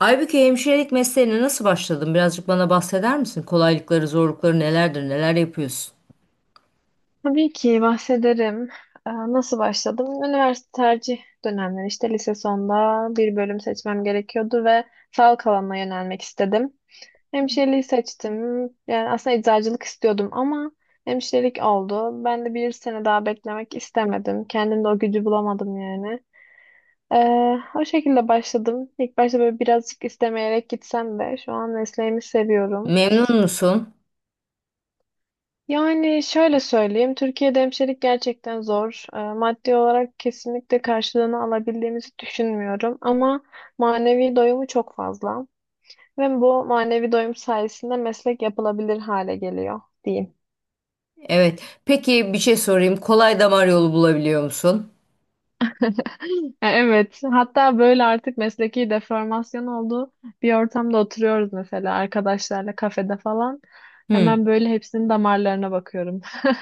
Aybüke, hemşirelik mesleğine nasıl başladın? Birazcık bana bahseder misin? Kolaylıkları, zorlukları nelerdir? Neler yapıyorsun? Tabii ki bahsederim. Nasıl başladım? Üniversite tercih dönemleri işte lise sonunda bir bölüm seçmem gerekiyordu ve sağlık alanına yönelmek istedim. Hemşireliği seçtim. Yani aslında eczacılık istiyordum ama hemşirelik oldu. Ben de bir sene daha beklemek istemedim. Kendimde o gücü bulamadım yani. O şekilde başladım. İlk başta böyle birazcık istemeyerek gitsem de şu an mesleğimi seviyorum. Memnun musun? Yani şöyle söyleyeyim, Türkiye'de hemşirelik gerçekten zor. Maddi olarak kesinlikle karşılığını alabildiğimizi düşünmüyorum ama manevi doyumu çok fazla ve bu manevi doyum sayesinde meslek yapılabilir hale geliyor diyeyim. Evet. Peki bir şey sorayım. Kolay damar yolu bulabiliyor musun? Evet, hatta böyle artık mesleki deformasyon olduğu bir ortamda oturuyoruz mesela arkadaşlarla kafede falan. Hı. Hemen böyle hepsinin damarlarına bakıyorum.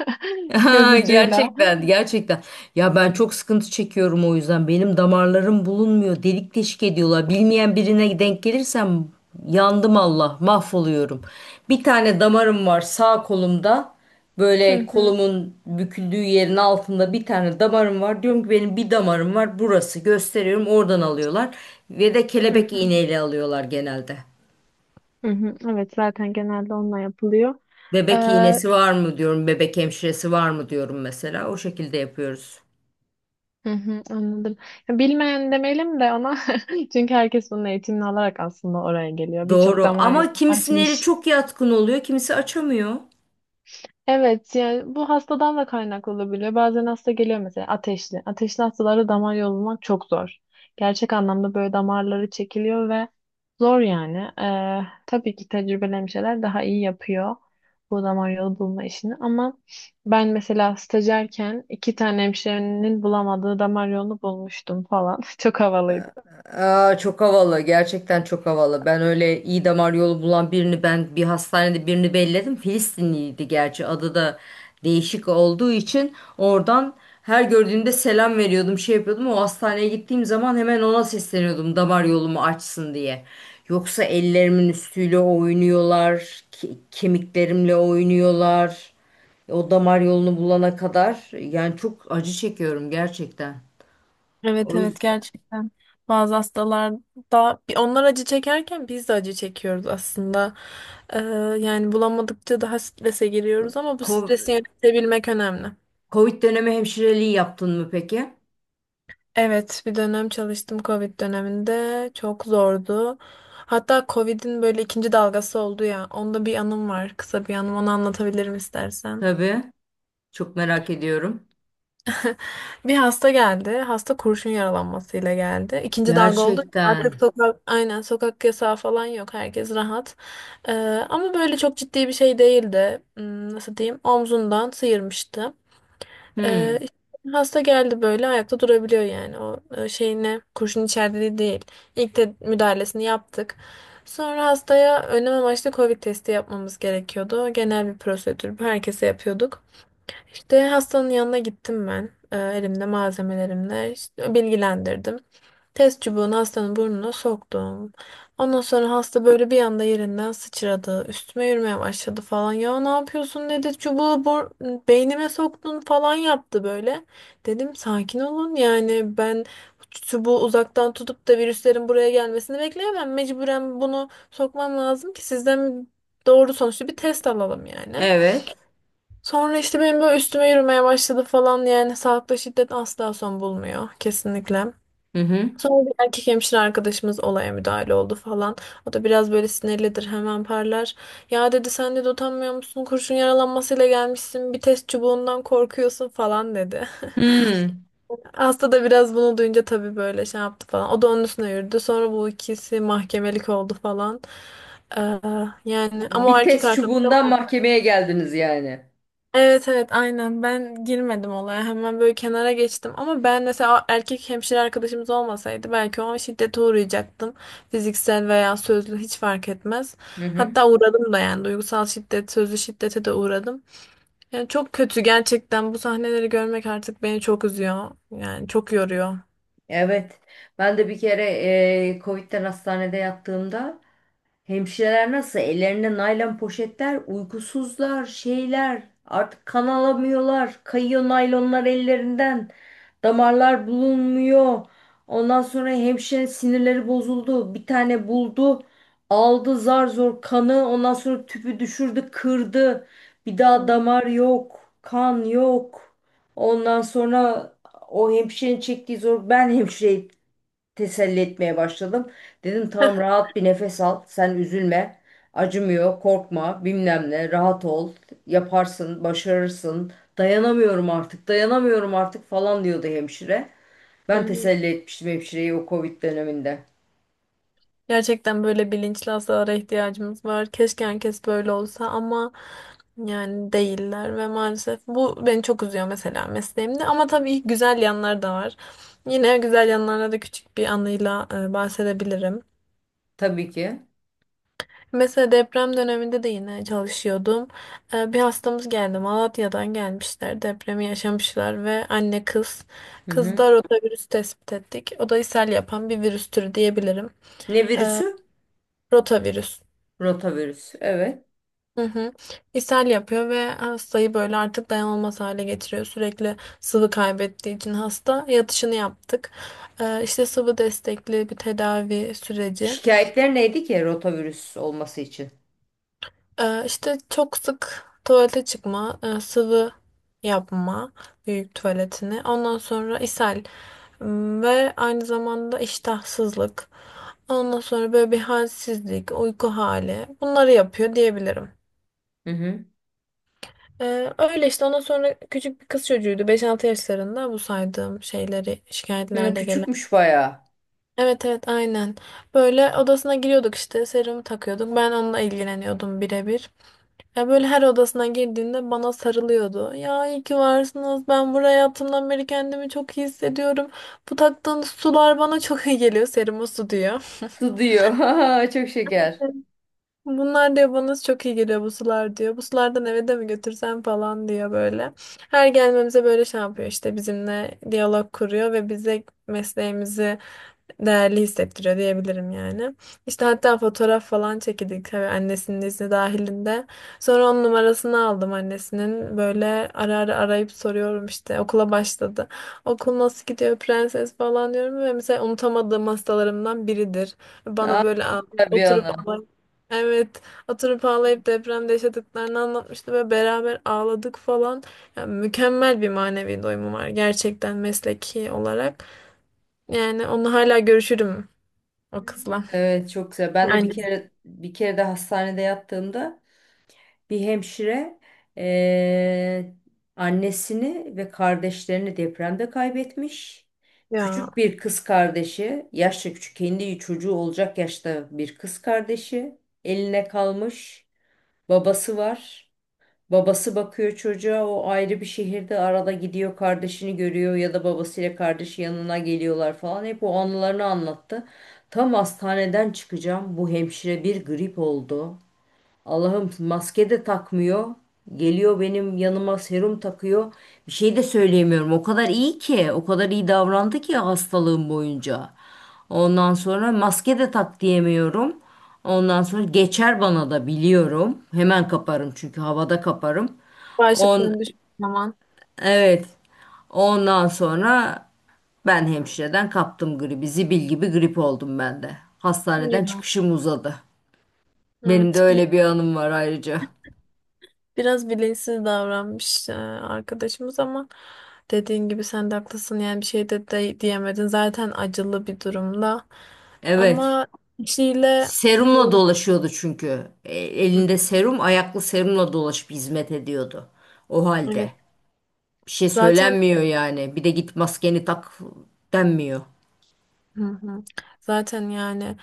Göz Ha, ucuyla. gerçekten, gerçekten. Ya ben çok sıkıntı çekiyorum o yüzden. Benim damarlarım bulunmuyor. Delik deşik ediyorlar. Bilmeyen birine denk gelirsem yandım Allah, mahvoluyorum. Bir tane damarım var sağ kolumda. Hı Böyle hı. kolumun büküldüğü yerin altında bir tane damarım var. Diyorum ki benim bir damarım var. Burası gösteriyorum. Oradan alıyorlar. Ve de Hı kelebek hı. iğneyle alıyorlar genelde. Hı hı, evet zaten genelde onunla yapılıyor. Bebek Hı iğnesi var mı diyorum. Bebek hemşiresi var mı diyorum mesela. O şekilde yapıyoruz. hı, anladım. Ya, bilmeyen demeyelim de ona, çünkü herkes bunun eğitimini alarak aslında oraya geliyor. Birçok Doğru damar ama yolunu kimisinin eli açmış. çok yatkın oluyor, kimisi açamıyor. Evet, yani bu hastadan da kaynaklı olabiliyor. Bazen hasta geliyor mesela ateşli. Ateşli hastalara damar yolu bulmak çok zor. Gerçek anlamda böyle damarları çekiliyor ve zor yani. Tabii ki tecrübelemiş şeyler daha iyi yapıyor bu damar yolu bulma işini. Ama ben mesela stajyerken iki tane hemşirenin bulamadığı damar yolunu bulmuştum falan. Çok havalıydı. Aa, çok havalı. Gerçekten çok havalı. Ben öyle iyi damar yolu bulan birini ben bir hastanede birini belledim. Filistinliydi gerçi. Adı da değişik olduğu için oradan her gördüğümde selam veriyordum, şey yapıyordum. O hastaneye gittiğim zaman hemen ona sesleniyordum damar yolumu açsın diye. Yoksa ellerimin üstüyle oynuyorlar, kemiklerimle oynuyorlar. O damar yolunu bulana kadar yani çok acı çekiyorum gerçekten. Evet O evet, yüzden gerçekten bazı hastalarda onlar acı çekerken biz de acı çekiyoruz aslında. Ee, yani bulamadıkça daha strese giriyoruz ama bu stresi yönetebilmek önemli. Covid dönemi hemşireliği yaptın mı peki? Evet, bir dönem çalıştım, Covid döneminde çok zordu. Hatta Covid'in böyle ikinci dalgası oldu ya, onda bir anım var, kısa bir anım, onu anlatabilirim istersen. Tabii. Çok merak ediyorum. Bir hasta geldi. Hasta kurşun yaralanmasıyla geldi. İkinci dalga oldu. Artık Gerçekten. sokak, aynen sokak yasağı falan yok. Herkes rahat. Ee, ama böyle çok ciddi bir şey değildi. Nasıl diyeyim? Omzundan sıyırmıştı. Hmm. İşte hasta geldi, böyle ayakta durabiliyor yani. O şeyine kurşun içerdiği değil. İlk de müdahalesini yaptık. Sonra hastaya önlem amaçlı Covid testi yapmamız gerekiyordu. Genel bir prosedür. Herkese yapıyorduk. İşte hastanın yanına gittim ben. Elimde malzemelerimle işte bilgilendirdim. Test çubuğunu hastanın burnuna soktum. Ondan sonra hasta böyle bir anda yerinden sıçradı. Üstüme yürümeye başladı falan. Ya ne yapıyorsun dedi. Çubuğu beynime soktun falan yaptı böyle. Dedim sakin olun yani, ben çubuğu uzaktan tutup da virüslerin buraya gelmesini bekleyemem. Mecburen bunu sokmam lazım ki sizden doğru sonuçlu bir test alalım yani. Evet. Sonra işte benim böyle üstüme yürümeye başladı falan, yani sağlıkta şiddet asla son bulmuyor kesinlikle. Hı hı. Sonra bir erkek hemşire arkadaşımız olaya müdahale oldu falan. O da biraz böyle sinirlidir, hemen parlar. Ya dedi, sen de utanmıyor musun? Kurşun yaralanmasıyla gelmişsin. Bir test çubuğundan korkuyorsun falan dedi. Hmm. Hasta da biraz bunu duyunca tabii böyle şey yaptı falan. O da onun üstüne yürüdü. Sonra bu ikisi mahkemelik oldu falan. Ee, yani ama o Bir erkek test çubuğundan arkadaşım. mahkemeye geldiniz yani. Evet evet aynen, ben girmedim olaya, hemen böyle kenara geçtim ama ben mesela erkek hemşire arkadaşımız olmasaydı belki o an şiddete uğrayacaktım, fiziksel veya sözlü hiç fark etmez, Hı hı. hatta uğradım da, yani duygusal şiddet, sözlü şiddete de uğradım, yani çok kötü gerçekten. Bu sahneleri görmek artık beni çok üzüyor, yani çok yoruyor. Evet. Ben de bir kere Covid'den hastanede yattığımda hemşireler nasıl? Ellerinde naylon poşetler, uykusuzlar, şeyler. Artık kan alamıyorlar. Kayıyor naylonlar ellerinden. Damarlar bulunmuyor. Ondan sonra hemşire sinirleri bozuldu. Bir tane buldu. Aldı zar zor kanı. Ondan sonra tüpü düşürdü, kırdı. Bir daha damar yok. Kan yok. Ondan sonra o hemşirenin çektiği zor. Ben hemşire teselli etmeye başladım. Dedim tamam rahat bir nefes al. Sen üzülme. Acımıyor, korkma, bilmem ne. Rahat ol. Yaparsın, başarırsın. Dayanamıyorum artık, dayanamıyorum artık falan diyordu hemşire. Hı Ben hı. teselli etmiştim hemşireyi o Covid döneminde. Gerçekten böyle bilinçli hastalara ihtiyacımız var. Keşke herkes böyle olsa ama yani değiller ve maalesef bu beni çok üzüyor mesela mesleğimde. Ama tabii güzel yanlar da var. Yine güzel yanlarına da küçük bir anıyla bahsedebilirim. Tabii ki. Mesela deprem döneminde de yine çalışıyordum. Bir hastamız geldi. Malatya'dan gelmişler. Depremi yaşamışlar ve anne kız. Hı hı. Kızda rotavirüs tespit ettik. O da ishal yapan bir virüs türü diyebilirim. Ne virüsü? Rotavirüs. Rotavirüs. Evet. Hı. İshal. Önce Şikayetler neydi ki rotavirüs olması için? tuvalı yama büyületini, ondan sonra ishal, ım, zamanda iştahsızlık, ondan sonra bir halsizlik, uyku hali, bunları yapıyor diyebilirim. Hı hı. Öyle işte, ondan sonra küçük bir kız çocuğuydu, 5-6 yaşlarında, bu saydığım şeyleri Hı, şikayetlerde gelen. küçükmüş bayağı. Evet evet aynen. Böyle odasına giriyorduk, işte serumu takıyorduk. Ben onunla ilgileniyordum birebir. Ya böyle her odasına girdiğinde bana sarılıyordu. Ya iyi ki varsınız. Ben buraya hayatımdan beri kendimi çok iyi hissediyorum. Bu taktığınız sular bana çok iyi geliyor. Serumu su diyor. Su diyor. Çok şeker. Bunlar diyor bana çok iyi geliyor bu sular diyor. Bu sulardan eve de mi götürsem falan diyor böyle. Her gelmemize böyle şey yapıyor, işte bizimle diyalog kuruyor ve bize mesleğimizi değerli hissettiriyor diyebilirim yani. İşte hatta fotoğraf falan çekildik, tabii annesinin izni dahilinde. Sonra onun numarasını aldım annesinin. Böyle ara ara arayıp soruyorum, işte okula başladı. Okul nasıl gidiyor prenses falan diyorum ve mesela unutamadığım hastalarımdan biridir. Bana Aa, böyle bir oturup ana. ağlayıp, evet, oturup ağlayıp depremde yaşadıklarını anlatmıştı ve beraber ağladık falan. Yani mükemmel bir manevi doyumu var gerçekten mesleki olarak. Yani onu hala görüşürüm o kızla. Evet çok güzel. Ben de bir Annesi kere bir kere de hastanede yattığımda bir hemşire eee, annesini ve kardeşlerini depremde kaybetmiş. Küçük ya. bir kız kardeşi, yaşça küçük kendi çocuğu olacak yaşta bir kız kardeşi eline kalmış. Babası var. Babası bakıyor çocuğa, o ayrı bir şehirde, arada gidiyor kardeşini görüyor ya da babasıyla kardeşi yanına geliyorlar falan, hep o anılarını anlattı. Tam hastaneden çıkacağım bu hemşire bir grip oldu. Allah'ım, maske de takmıyor. Geliyor benim yanıma serum takıyor. Bir şey de söyleyemiyorum. O kadar iyi ki, o kadar iyi davrandı ki hastalığım boyunca. Ondan sonra maske de tak diyemiyorum. Ondan sonra geçer bana da biliyorum. Hemen kaparım çünkü havada kaparım. On Başlaman. evet. Ondan sonra ben hemşireden kaptım gribi. Zibil gibi grip oldum ben de. Hastaneden Ya. çıkışım uzadı. Benim de Evet. Öyle bir anım var ayrıca. Biraz bilinçsiz davranmış arkadaşımız ama dediğin gibi sen de haklısın. Yani bir şey de diyemedin. Zaten acılı bir durumda. Evet. Ama kişiyle Serumla böyle- dolaşıyordu çünkü. Hı, Elinde serum, ayaklı serumla dolaşıp hizmet ediyordu. O evet. halde. Bir şey Zaten söylenmiyor yani. Bir de git maskeni tak denmiyor. hı hı. Zaten yani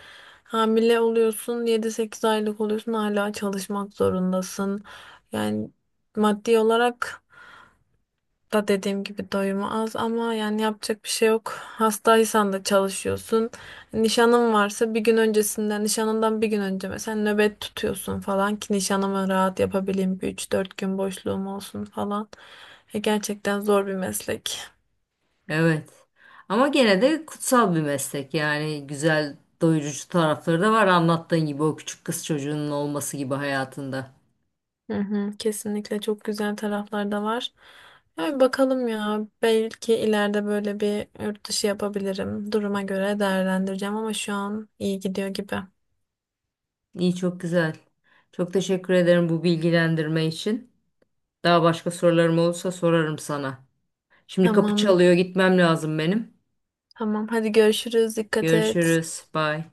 hamile oluyorsun, 7-8 aylık oluyorsun, hala çalışmak zorundasın. Yani maddi olarak da dediğim gibi doyumu az ama yani yapacak bir şey yok. Hastaysan da çalışıyorsun. Nişanın varsa bir gün öncesinden, nişanından bir gün önce mesela nöbet tutuyorsun falan ki nişanımı rahat yapabileyim. Bir 3-4 gün boşluğum olsun falan. Gerçekten zor bir meslek. Evet. Ama gene de kutsal bir meslek. Yani güzel doyurucu tarafları da var. Anlattığın gibi, o küçük kız çocuğunun olması gibi hayatında. Hı hı, kesinlikle çok güzel taraflar da var. Yani bakalım ya, belki ileride böyle bir yurt dışı yapabilirim. Duruma göre değerlendireceğim ama şu an iyi gidiyor gibi. İyi, çok güzel. Çok teşekkür ederim bu bilgilendirme için. Daha başka sorularım olursa sorarım sana. Şimdi kapı Tamam. çalıyor, gitmem lazım benim. Tamam, hadi görüşürüz. Dikkat et. Görüşürüz. Bye.